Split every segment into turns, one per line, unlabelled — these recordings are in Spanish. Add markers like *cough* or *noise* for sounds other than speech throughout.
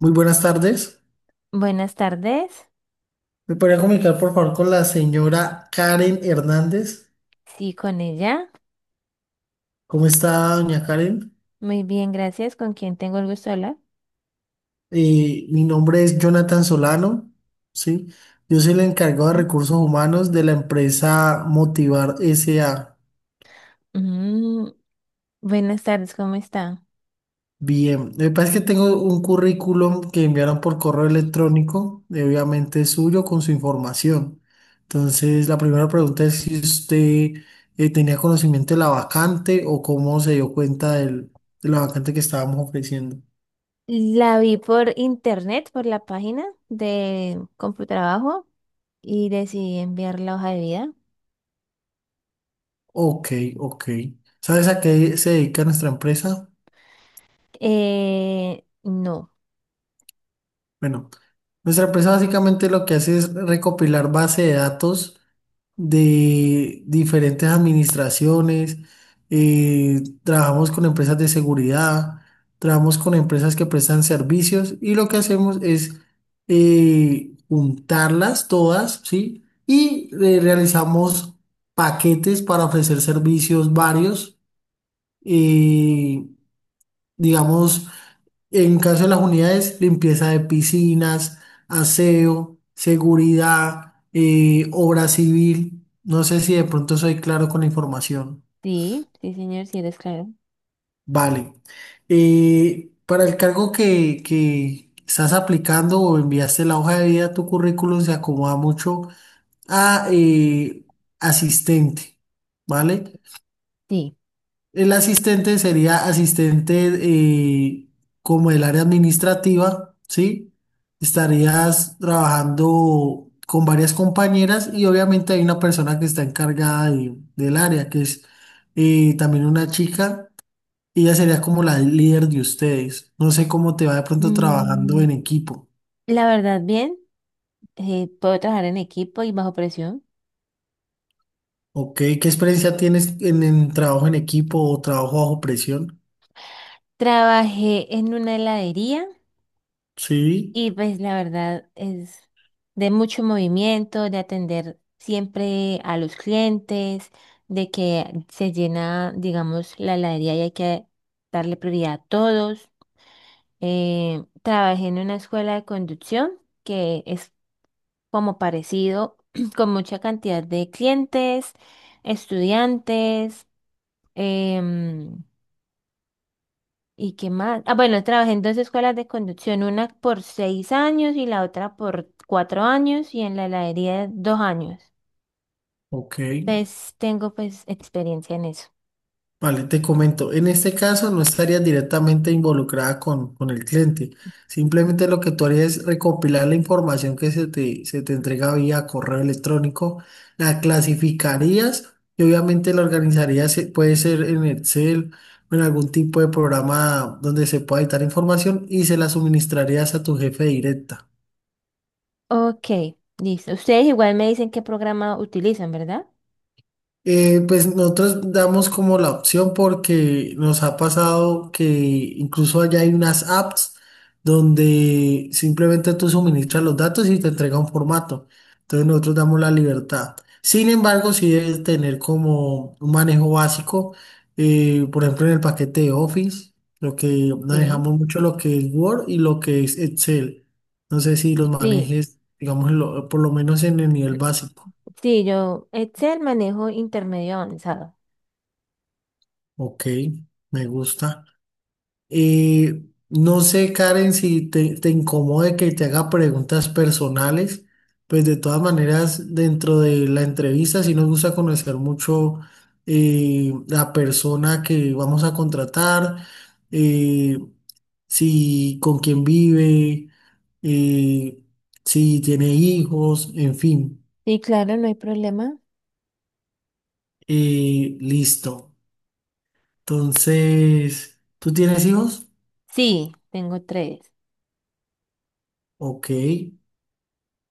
Muy buenas tardes.
Buenas tardes.
¿Me podría comunicar, por favor, con la señora Karen Hernández?
Sí, con ella.
¿Cómo está, doña Karen?
Muy bien, gracias. ¿Con quién tengo el gusto de hablar?
Mi nombre es Jonathan Solano, ¿sí? Yo soy el encargado de
¿Eh?
recursos humanos de la empresa Motivar S.A.
Mm, buenas tardes, ¿cómo está?
Bien, me parece que tengo un currículum que enviaron por correo electrónico, obviamente suyo, con su información. Entonces, la primera pregunta es si usted tenía conocimiento de la vacante o cómo se dio cuenta de la vacante que estábamos ofreciendo.
La vi por internet, por la página de Computrabajo y decidí enviar la hoja de vida.
Ok, ok. ¿Sabes a qué se dedica nuestra empresa?
No.
Bueno, nuestra empresa básicamente lo que hace es recopilar base de datos de diferentes administraciones, trabajamos con empresas de seguridad, trabajamos con empresas que prestan servicios y lo que hacemos es juntarlas todas, ¿sí? Y realizamos paquetes para ofrecer servicios varios, eh, digamos, en caso de las unidades, limpieza de piscinas, aseo, seguridad, obra civil. No sé si de pronto soy claro con la información.
Sí, sí, señor, sí eres claro.
Vale. Para el cargo que estás aplicando o enviaste la hoja de vida, tu currículum se acomoda mucho a asistente, ¿vale?
Sí.
El asistente sería asistente como el área administrativa, ¿sí? Estarías trabajando con varias compañeras y obviamente hay una persona que está encargada del área, que es también una chica. Y ella sería como la líder de ustedes. No sé cómo te va de pronto trabajando
Mm,
en equipo.
la verdad, bien. Puedo trabajar en equipo y bajo presión.
Ok, ¿qué experiencia tienes en trabajo en equipo o trabajo bajo presión?
Trabajé en una heladería.
Sí,
Y pues la verdad es de mucho movimiento, de atender siempre a los clientes, de que se llena, digamos, la heladería y hay que darle prioridad a todos. Trabajé en una escuela de conducción que es como parecido, *clears throat* con mucha cantidad de clientes, estudiantes. em, ¿Y qué más? Ah, bueno, trabajé en dos escuelas de conducción, una por 6 años y la otra por 4 años y en la heladería 2 años.
ok.
Entonces tengo pues experiencia en eso.
Vale, te comento, en este caso no estarías directamente involucrada con el cliente, simplemente lo que tú harías es recopilar la información que se te entrega vía correo electrónico, la clasificarías y obviamente la organizarías, puede ser en Excel o en algún tipo de programa donde se pueda editar información y se la suministrarías a tu jefe directa.
Ok, listo. Ustedes igual me dicen qué programa utilizan, ¿verdad?
Pues nosotros damos como la opción porque nos ha pasado que incluso allá hay unas apps donde simplemente tú suministras los datos y te entrega un formato. Entonces nosotros damos la libertad. Sin embargo, sí debes tener como un manejo básico, por ejemplo en el paquete de Office, lo que
Sí,
manejamos mucho lo que es Word y lo que es Excel. No sé si los
sí.
manejes, digamos, en por lo menos en el nivel
Mm,
básico.
sí, yo Excel manejo intermedio avanzado.
Ok, me gusta. No sé, Karen, si te incomode que te haga preguntas personales, pues de todas maneras, dentro de la entrevista, sí nos gusta conocer mucho la persona que vamos a contratar, eh, si con quién vive, eh, si tiene hijos, en fin.
Sí, claro, no hay problema.
Listo. Entonces, ¿tú tienes hijos?
Sí, tengo tres.
Ok.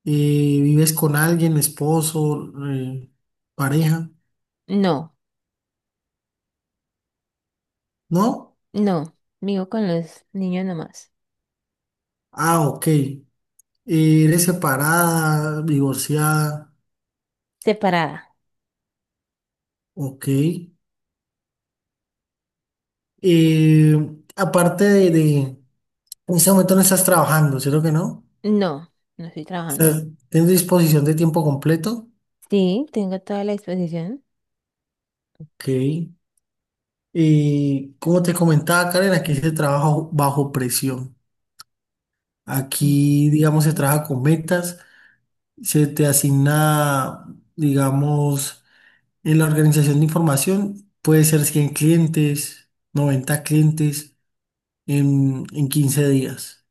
¿Vives con alguien, esposo, pareja?
No,
¿No?
no. Vivo con los niños nomás.
Ah, ok. ¿Eres separada, divorciada?
Separada.
Ok. Eh, aparte en este momento no estás trabajando, ¿cierto que no?
No, no estoy trabajando.
¿Tienes disposición de tiempo completo?
Sí, tengo toda la disposición.
Ok. Como te comentaba, Karen, aquí se trabaja bajo presión. Aquí, digamos, se
Ok.
trabaja con metas, se te asigna, digamos, en la organización de información puede ser 100 clientes, 90 clientes en 15 días.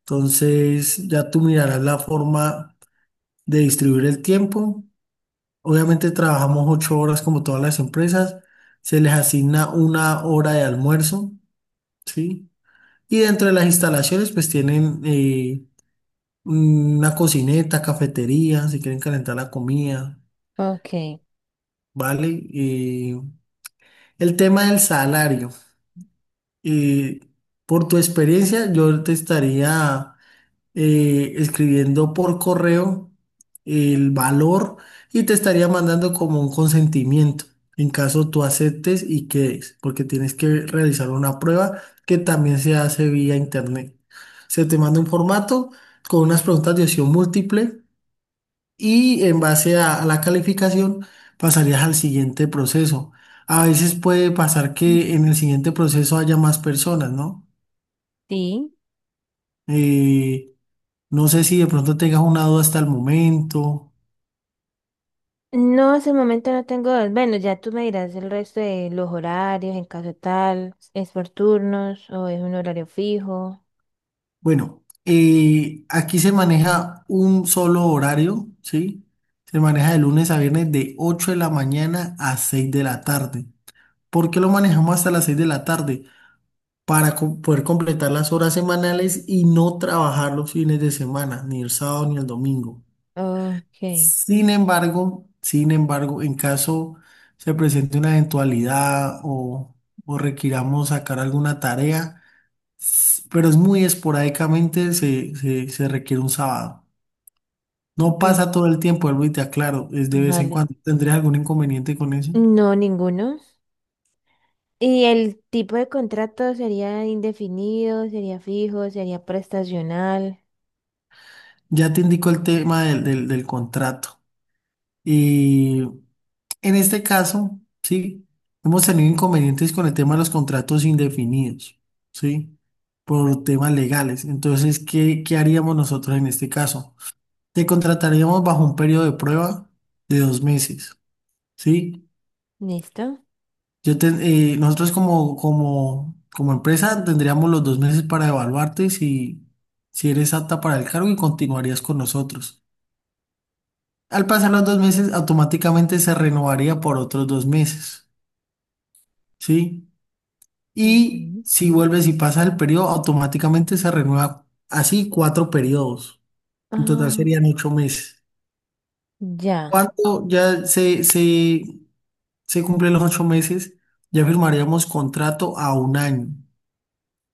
Entonces, ya tú mirarás la forma de distribuir el tiempo. Obviamente trabajamos 8 horas como todas las empresas. Se les asigna una hora de almuerzo, ¿sí? Y dentro de las instalaciones, pues tienen una cocineta, cafetería, si quieren calentar la comida,
Ok.
¿vale? El tema del salario. eh, por tu experiencia, yo te estaría escribiendo por correo el valor y te estaría mandando como un consentimiento en caso tú aceptes y quedes, porque tienes que realizar una prueba que también se hace vía internet. Se te manda un formato con unas preguntas de opción múltiple y en base a la calificación pasarías al siguiente proceso. A veces puede pasar que en el siguiente proceso haya más personas, ¿no?
Sí.
Eh, no sé si de pronto tengas una duda hasta el momento.
No, hasta el momento no tengo. Bueno, ya tú me dirás el resto de los horarios, en caso tal, es por turnos o es un horario fijo.
Bueno, aquí se maneja un solo horario, ¿sí? Se maneja de lunes a viernes de 8 de la mañana a 6 de la tarde. ¿Por qué lo manejamos hasta las 6 de la tarde? Para poder completar las horas semanales y no trabajar los fines de semana, ni el sábado ni el domingo.
Ok.
Sin embargo, en caso se presente una eventualidad o requiramos sacar alguna tarea, pero es muy esporádicamente, se requiere un sábado. No
Mm,
pasa todo el tiempo, vuelvo y te aclaro, es de vez en
vale.
cuando. ¿Tendrías algún inconveniente con eso?
No, ninguno. ¿Y el tipo de contrato sería indefinido, sería fijo, sería prestacional?
Ya te indico el tema del contrato. En este caso, sí, hemos tenido inconvenientes con el tema de los contratos indefinidos, ¿sí? Por temas legales. Entonces, ¿qué haríamos nosotros en este caso? Te contrataríamos bajo un periodo de prueba de 2 meses, ¿sí?
¿Listo?
Yo te- nosotros como empresa tendríamos los 2 meses para evaluarte, si eres apta para el cargo y continuarías con nosotros. Al pasar los 2 meses, automáticamente se renovaría por otros 2 meses, ¿sí? Y
Ujú.
si vuelves y pasas el periodo, automáticamente se renueva así cuatro periodos. En total
Ah,
serían 8 meses.
ya,
Cuando ya se cumplen los 8 meses, ya firmaríamos contrato a un año,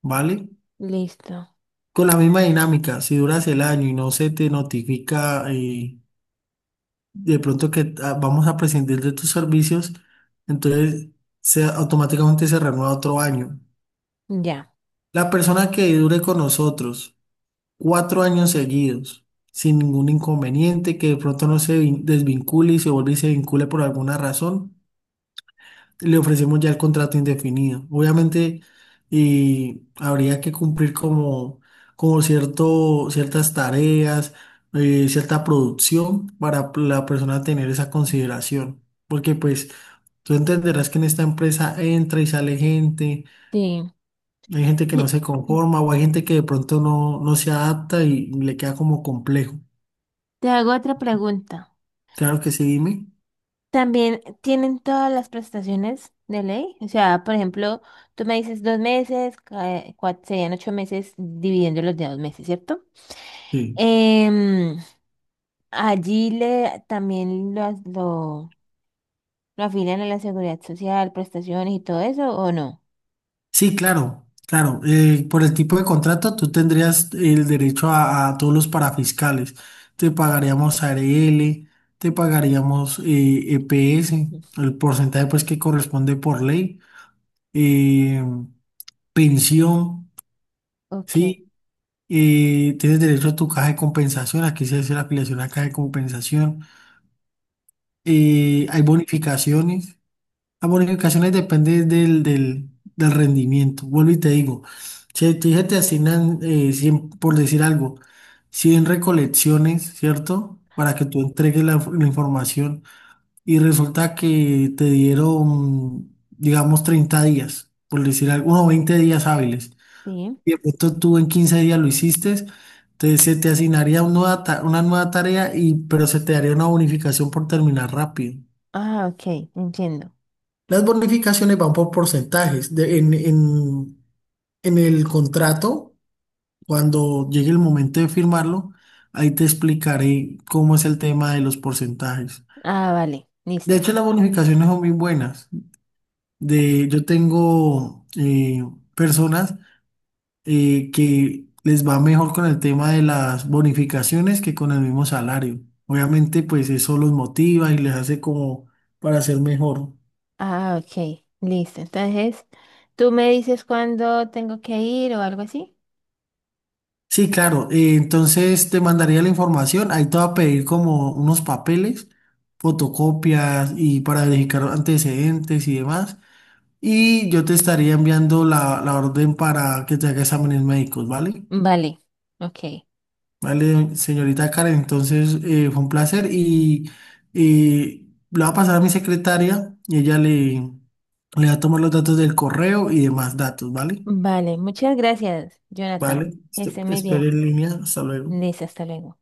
¿vale?
listo.
Con la misma dinámica, si duras el año y no se te notifica de pronto que ah, vamos a prescindir de tus servicios, entonces automáticamente se renueva otro año.
Ya.
La persona que dure con nosotros 4 años seguidos, sin ningún inconveniente, que de pronto no se desvincule y se vuelve y se vincule por alguna razón, le ofrecemos ya el contrato indefinido. Obviamente, y habría que cumplir como, como ciertas tareas, cierta producción para la persona tener esa consideración. Porque pues tú entenderás que en esta empresa entra y sale gente,
Sí.
hay gente que no
Sí.
se conforma o hay gente que de pronto no se adapta y le queda como complejo.
Te hago otra pregunta.
Claro que sí, dime.
¿También tienen todas las prestaciones de ley? O sea, por ejemplo, tú me dices 2 meses, serían 8 meses dividiéndolos de 2 meses, ¿cierto?
Sí,
Em, allí le también lo afilian a la seguridad social, prestaciones y todo eso, ¿o no?
sí, claro, claro. Por el tipo de contrato, tú tendrías el derecho a todos los parafiscales. Te pagaríamos ARL, te pagaríamos EPS
Ujú.
el porcentaje pues que corresponde por ley, eh, pensión,
Ok,
¿sí? Tienes derecho a tu caja de compensación, aquí se hace la afiliación a caja de compensación. Hay bonificaciones. Las bonificaciones dependen del rendimiento. Vuelvo y te digo, si te, dije, te asignan, 100, por decir algo, 100 recolecciones, ¿cierto? Para que tú entregues la información y resulta que te dieron, digamos, 30 días, por decir algo, o 20 días hábiles.
sí.
Y de pronto tú en 15 días lo hiciste, entonces se te asignaría una nueva tarea, pero se te daría una bonificación por terminar rápido.
Ah, ok, entiendo.
Las bonificaciones van por porcentajes. En el contrato, cuando llegue el momento de firmarlo, ahí te explicaré cómo es el tema de los porcentajes.
Ah, vale,
De
listo.
hecho, las bonificaciones son muy buenas. Yo tengo personas que les va mejor con el tema de las bonificaciones que con el mismo salario. Obviamente, pues eso los motiva y les hace como para ser mejor.
Ah, ok, listo. Entonces, tú me dices cuándo tengo que ir o algo así.
Sí, claro. Entonces te mandaría la información. Ahí te va a pedir como unos papeles, fotocopias y para verificar antecedentes y demás. Y yo te estaría enviando la orden para que te haga exámenes médicos, ¿vale?
Vale, ok.
Vale, señorita Karen. Entonces fue un placer y lo va a pasar a mi secretaria y ella le va a tomar los datos del correo y demás datos, ¿vale?
Vale, muchas gracias, Jonathan.
Vale.
Que esté muy
Espere
bien.
en línea. Hasta luego.
Listo, hasta luego.